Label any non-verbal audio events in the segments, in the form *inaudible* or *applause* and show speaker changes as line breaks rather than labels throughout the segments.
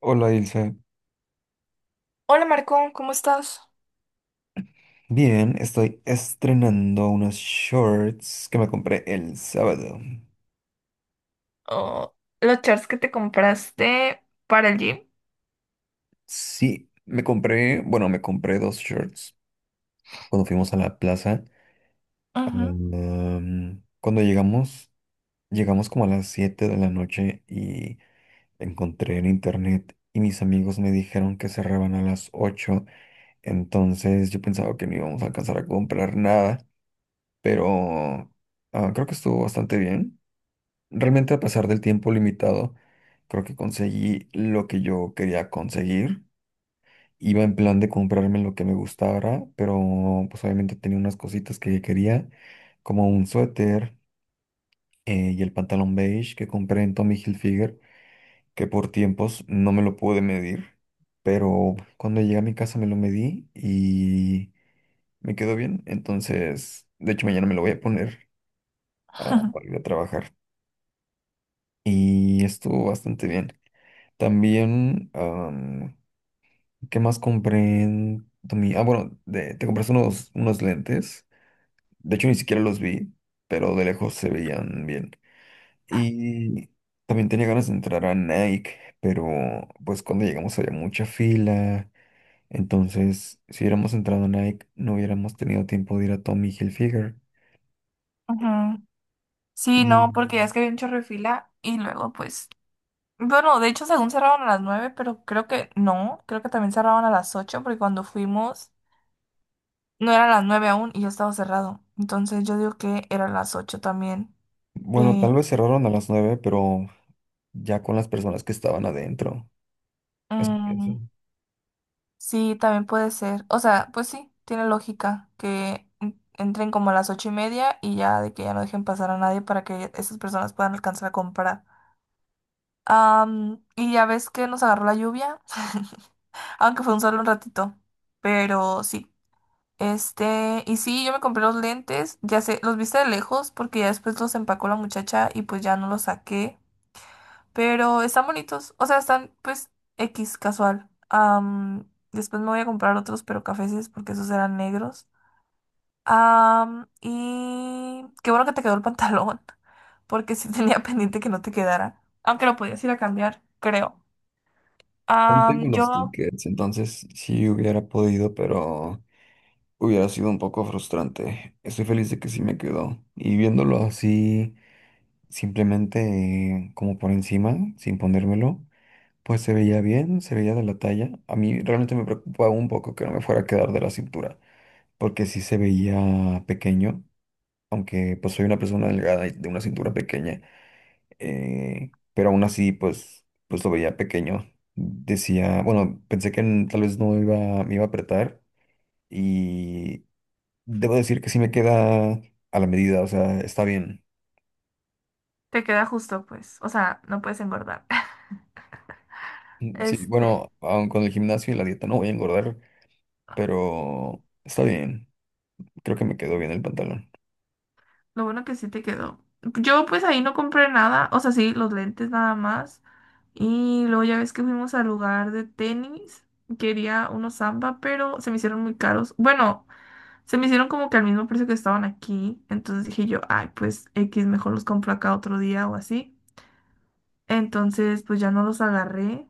Hola Ilse.
Hola Marco, ¿cómo estás?
Bien, estoy estrenando unos shorts que me compré el sábado.
Oh, los shorts que te compraste para el gym.
Sí, me compré, bueno, me compré dos shorts cuando fuimos a la plaza.
Ujú,
Cuando llegamos, llegamos como a las 7 de la noche y encontré en internet y mis amigos me dijeron que cerraban a las 8. Entonces yo pensaba que no íbamos a alcanzar a comprar nada, pero creo que estuvo bastante bien. Realmente a pesar del tiempo limitado, creo que conseguí lo que yo quería conseguir. Iba en plan de comprarme lo que me gustara, pero pues obviamente tenía unas cositas que quería, como un suéter y el pantalón beige que compré en Tommy Hilfiger, que por tiempos no me lo pude medir, pero cuando llegué a mi casa me lo medí y me quedó bien. Entonces, de hecho mañana me lo voy a poner para ir
*laughs*
a trabajar y estuvo bastante bien. También, ¿qué más compré en Ah, bueno, te compraste unos lentes? De hecho, ni siquiera los vi, pero de lejos se veían bien. Y también tenía ganas de entrar a Nike, pero pues cuando llegamos había mucha fila. Entonces, si hubiéramos entrado a Nike, no hubiéramos tenido tiempo de ir a Tommy Hilfiger.
ujú. Sí,
Y
no, porque ya es que había un chorro de fila y luego pues, bueno, de hecho según cerraban a las 9, pero creo que no, creo que también cerraban a las 8, porque cuando fuimos no eran las 9 aún y ya estaba cerrado. Entonces yo digo que eran las 8 también.
bueno,
Eh,
tal vez cerraron a las 9 pero ya con las personas que estaban adentro. Eso pienso.
mm, sí, también puede ser. O sea, pues sí, tiene lógica que entren como a las ocho y media y ya de que ya no dejen pasar a nadie para que esas personas puedan alcanzar a comprar. Y ya ves que nos agarró la lluvia, *laughs* aunque fue un solo un ratito, pero sí. Este, y sí, yo me compré los lentes, ya sé, los viste de lejos porque ya después los empacó la muchacha y pues ya no los saqué. Pero están bonitos. O sea, están pues X casual. Después me voy a comprar otros, pero cafeses, porque esos eran negros. Y qué bueno que te quedó el pantalón, *laughs* porque sí tenía *laughs* pendiente que no te quedara. Aunque lo podías ir a cambiar, creo.
Aún
Am,
tengo los
yo
tickets, entonces sí hubiera podido, pero hubiera sido un poco frustrante. Estoy feliz de que sí me quedó. Y viéndolo así, simplemente como por encima, sin ponérmelo, pues se veía bien, se veía de la talla. A mí realmente me preocupaba un poco que no me fuera a quedar de la cintura, porque sí se veía pequeño, aunque pues soy una persona delgada y de una cintura pequeña pero aún así, pues, pues lo veía pequeño. Decía, bueno, pensé que tal vez no iba, me iba a apretar y debo decir que sí me queda a la medida, o sea, está bien.
te queda justo, pues. O sea, no puedes engordar. *laughs*
Mm, sí,
Este,
bueno, aun con el gimnasio y la dieta no voy a engordar, pero está bien. Creo que me quedó bien el pantalón.
lo bueno que sí te quedó. Yo pues ahí no compré nada, o sea, sí, los lentes nada más. Y luego ya ves que fuimos al lugar de tenis, quería unos Samba, pero se me hicieron muy caros. Bueno, se me hicieron como que al mismo precio que estaban aquí. Entonces dije yo, ay, pues X, mejor los compro acá otro día o así. Entonces pues ya no los agarré.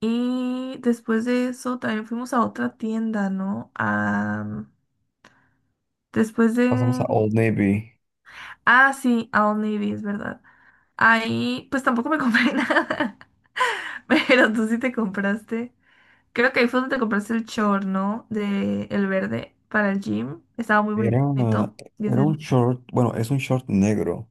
Y después de eso también fuimos a otra tienda, ¿no? Ah, después
Pasamos
de...
a Old Navy.
Ah, sí, a Old Navy, es verdad. Ahí, pues tampoco me compré *laughs* nada. Pero tú sí te compraste. Creo que ahí fue donde te compraste el short, ¿no? De el verde para el gym. Estaba muy
Era, una-
bonito. Y
Era
ese-
un short, bueno, es un short negro.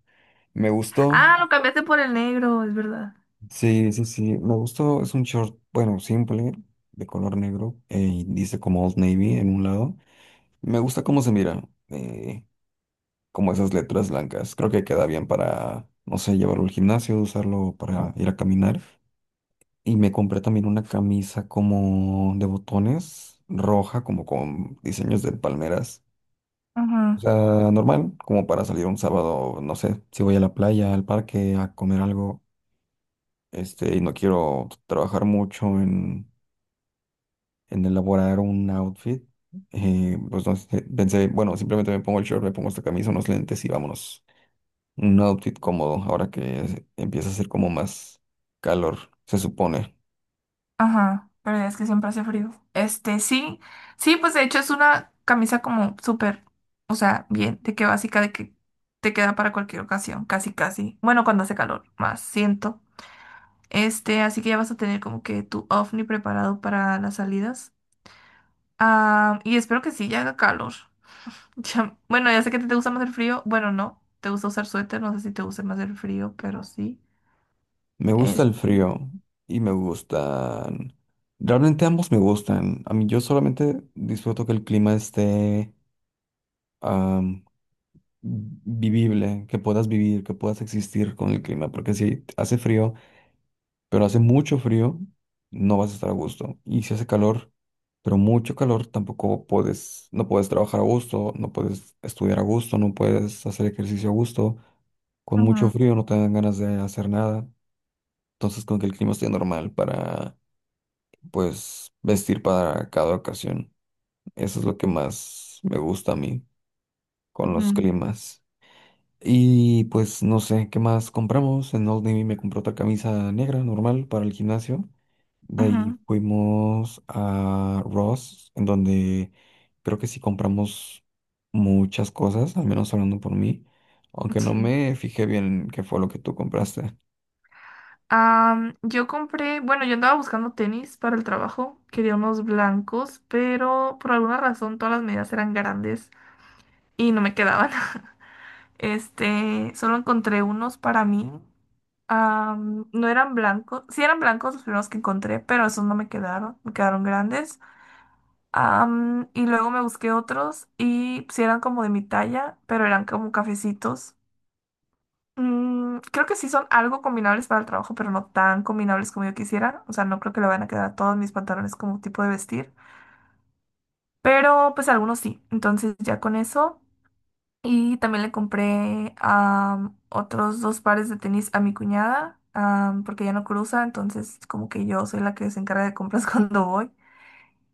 Me gustó.
Ah, lo cambiaste por el negro, es verdad.
Sí, sí, sí. Me gustó. Es un short, bueno, simple, de color negro. Y dice como Old Navy en un lado. Me gusta cómo se mira. eh, Como esas letras blancas. Creo que queda bien para, no sé, llevarlo al gimnasio, usarlo para ir a caminar. Y me compré también una camisa como de botones, roja, como con diseños de palmeras. O
Ujú,
sea, normal, como para salir un sábado, no sé, si voy a la playa, al parque, a comer algo, este, y no quiero trabajar mucho en elaborar un outfit, pues no sé, pensé, bueno, simplemente me pongo el short, me pongo esta camisa, unos lentes y vámonos. Un outfit cómodo, ahora que empieza a hacer como más calor, se supone.
ajá, pero es que siempre hace frío. Este, sí, sí, pues de hecho es una camisa como súper, o sea, bien, de que básica, de que te queda para cualquier ocasión, casi, casi. Bueno, cuando hace calor, más siento. Este, así que ya vas a tener como que tu ovni preparado para las salidas. Ah, y espero que sí, ya haga calor. *laughs* Bueno, ya sé que a ti te gusta más el frío. Bueno, no, te gusta usar suéter. No sé si te gusta más el frío, pero sí.
Me gusta
Este,
el frío y me gustan... Realmente ambos me gustan. A mí yo solamente disfruto que el clima esté am, vivible, que puedas vivir, que puedas existir con el clima, porque si hace frío... pero hace mucho frío, no vas a estar a gusto. Y si hace calor, pero mucho calor, tampoco puedes, no puedes trabajar a gusto, no puedes estudiar a gusto, no puedes hacer ejercicio a gusto. Con mucho
ujú,
frío no te dan ganas de hacer nada. Entonces, con que el clima esté normal para, pues, vestir para cada ocasión. Eso es lo que más me gusta a mí con los
ujú,
climas. Y pues no sé qué más compramos. En Old Navy me compró otra camisa negra normal para el gimnasio. De ahí
ujú,
fuimos a Ross, en donde creo que sí compramos muchas cosas, al menos hablando por mí, aunque no
sí.
me fijé bien qué fue lo que tú compraste.
Yo compré, bueno, yo andaba buscando tenis para el trabajo. Quería unos blancos, pero por alguna razón todas las medidas eran grandes y no me quedaban. Este, solo encontré unos para mí. No eran blancos, sí eran blancos los primeros que encontré, pero esos no me quedaron, me quedaron grandes. Y luego me busqué otros y pues, sí eran como de mi talla, pero eran como cafecitos. Creo que sí son algo combinables para el trabajo, pero no tan combinables como yo quisiera. O sea, no creo que le van a quedar a todos mis pantalones como tipo de vestir, pero pues algunos sí. Entonces ya con eso. Y también le compré otros dos pares de tenis a mi cuñada, porque ya no cruza, entonces como que yo soy la que se encarga de compras *laughs* cuando voy.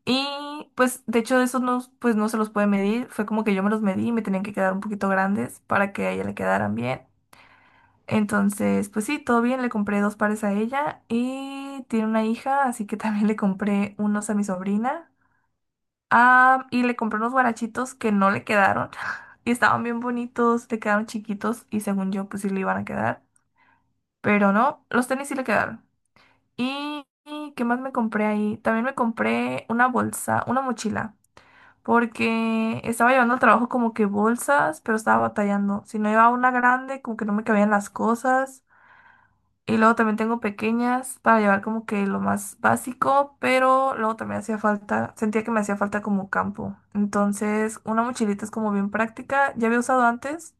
Y pues de hecho esos no, pues no se los puede medir, fue como que yo me los medí y me tenían que quedar un poquito grandes para que a ella le quedaran bien. Entonces, pues sí, todo bien, le compré dos pares a ella y tiene una hija, así que también le compré unos a mi sobrina. Ah, y le compré unos guarachitos que no le quedaron. *laughs* Y estaban bien bonitos, le quedaron chiquitos y según yo pues sí le iban a quedar. Pero no, los tenis sí le quedaron. ¿Y y qué más me compré ahí? También me compré una bolsa, una mochila. Porque estaba llevando al trabajo como que bolsas, pero estaba batallando. Si no llevaba una grande, como que no me cabían las cosas. Y luego también tengo pequeñas para llevar como que lo más básico, pero luego también hacía falta, sentía que me hacía falta como campo. Entonces, una mochilita es como bien práctica, ya había usado antes,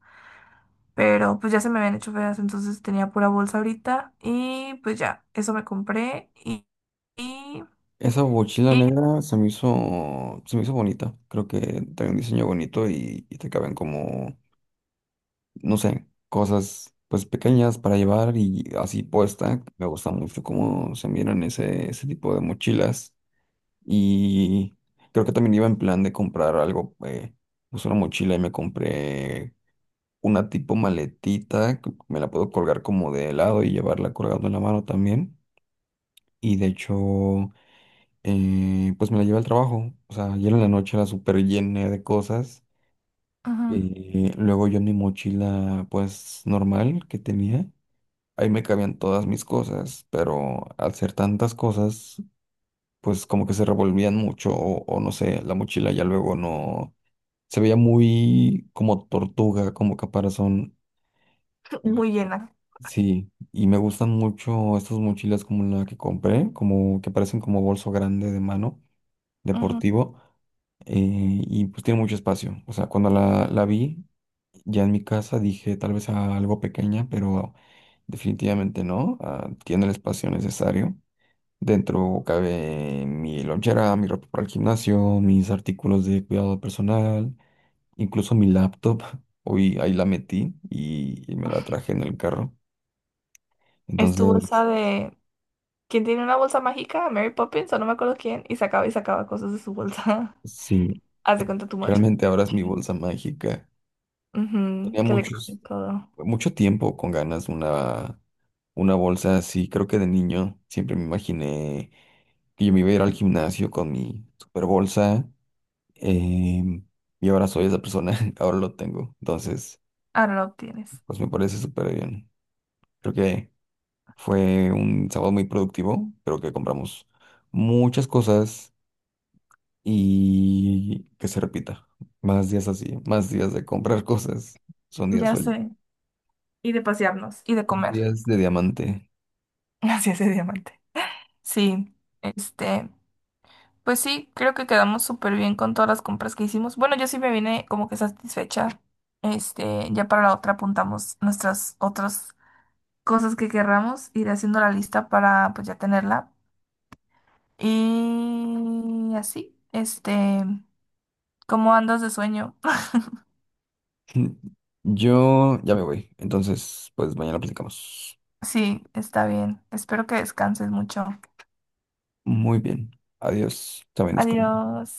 pero pues ya se me habían hecho feas, entonces tenía pura bolsa ahorita y pues ya, eso me compré y,
Esa mochila
y
negra se me hizo bonita, creo que trae un diseño bonito y te caben como no sé, cosas pues pequeñas para llevar y así puesta. Me gusta mucho cómo se miran ese tipo de mochilas. Y creo que también iba en plan de comprar algo, pues una mochila y me compré una tipo maletita, que me la puedo colgar como de lado y llevarla colgando en la mano también. Y de hecho, pues me la llevé al trabajo. O sea, ayer en la noche la super llené de cosas.
ujú,
Sí. Y luego yo en mi mochila, pues normal que tenía. Ahí me cabían todas mis cosas, pero al ser tantas cosas, pues como que se revolvían mucho o no sé, la mochila ya luego no... Se veía muy como tortuga, como caparazón.
*clears throat*
Y
muy llena.
sí, y me gustan mucho estas mochilas como la que compré, como que parecen como bolso grande de mano,
Ujú.
deportivo y pues tiene mucho espacio. O sea, cuando la vi ya en mi casa dije tal vez a algo pequeña, pero definitivamente no. Ah, tiene el espacio necesario. Dentro cabe mi lonchera, mi ropa para el gimnasio, mis artículos de cuidado personal, incluso mi laptop. *laughs* Hoy ahí la metí y me la traje en el carro.
Es tu
Entonces,
bolsa de... ¿Quién tiene una bolsa mágica? Mary Poppins o no me acuerdo quién, y sacaba cosas de su bolsa.
sí,
*laughs* Haz de cuenta tu
realmente ahora es mi
mochila.
bolsa mágica.
Ujú,
Tenía
que le cambie
muchos.
todo.
Mucho tiempo con ganas una bolsa así. Creo que de niño siempre me imaginé que yo me iba a ir al gimnasio con mi super bolsa. em, y ahora soy esa persona, *laughs* ahora lo tengo. Entonces,
Ahora lo obtienes.
pues me parece súper bien. Creo que fue un sábado muy productivo. Creo que compramos muchas cosas y que se repita. Más días así, más días de comprar *laughs* cosas. Son días
Ya
sueltos,
sé. Y de pasearnos y de
son
comer.
días de diamante.
*laughs* Así es, diamante. Sí, este, pues sí, creo que quedamos súper bien con todas las compras que hicimos. Bueno, yo sí me vine como que satisfecha. Este, ya para la otra apuntamos nuestras otras cosas que querramos, ir haciendo la lista para pues ya tenerla. Y así, este, ¿cómo andas de sueño? *laughs*
Yo ya me voy. Entonces, pues mañana platicamos.
Sí, está bien. Espero que descanses mucho.
Muy bien. Adiós. También descansa.
Adiós.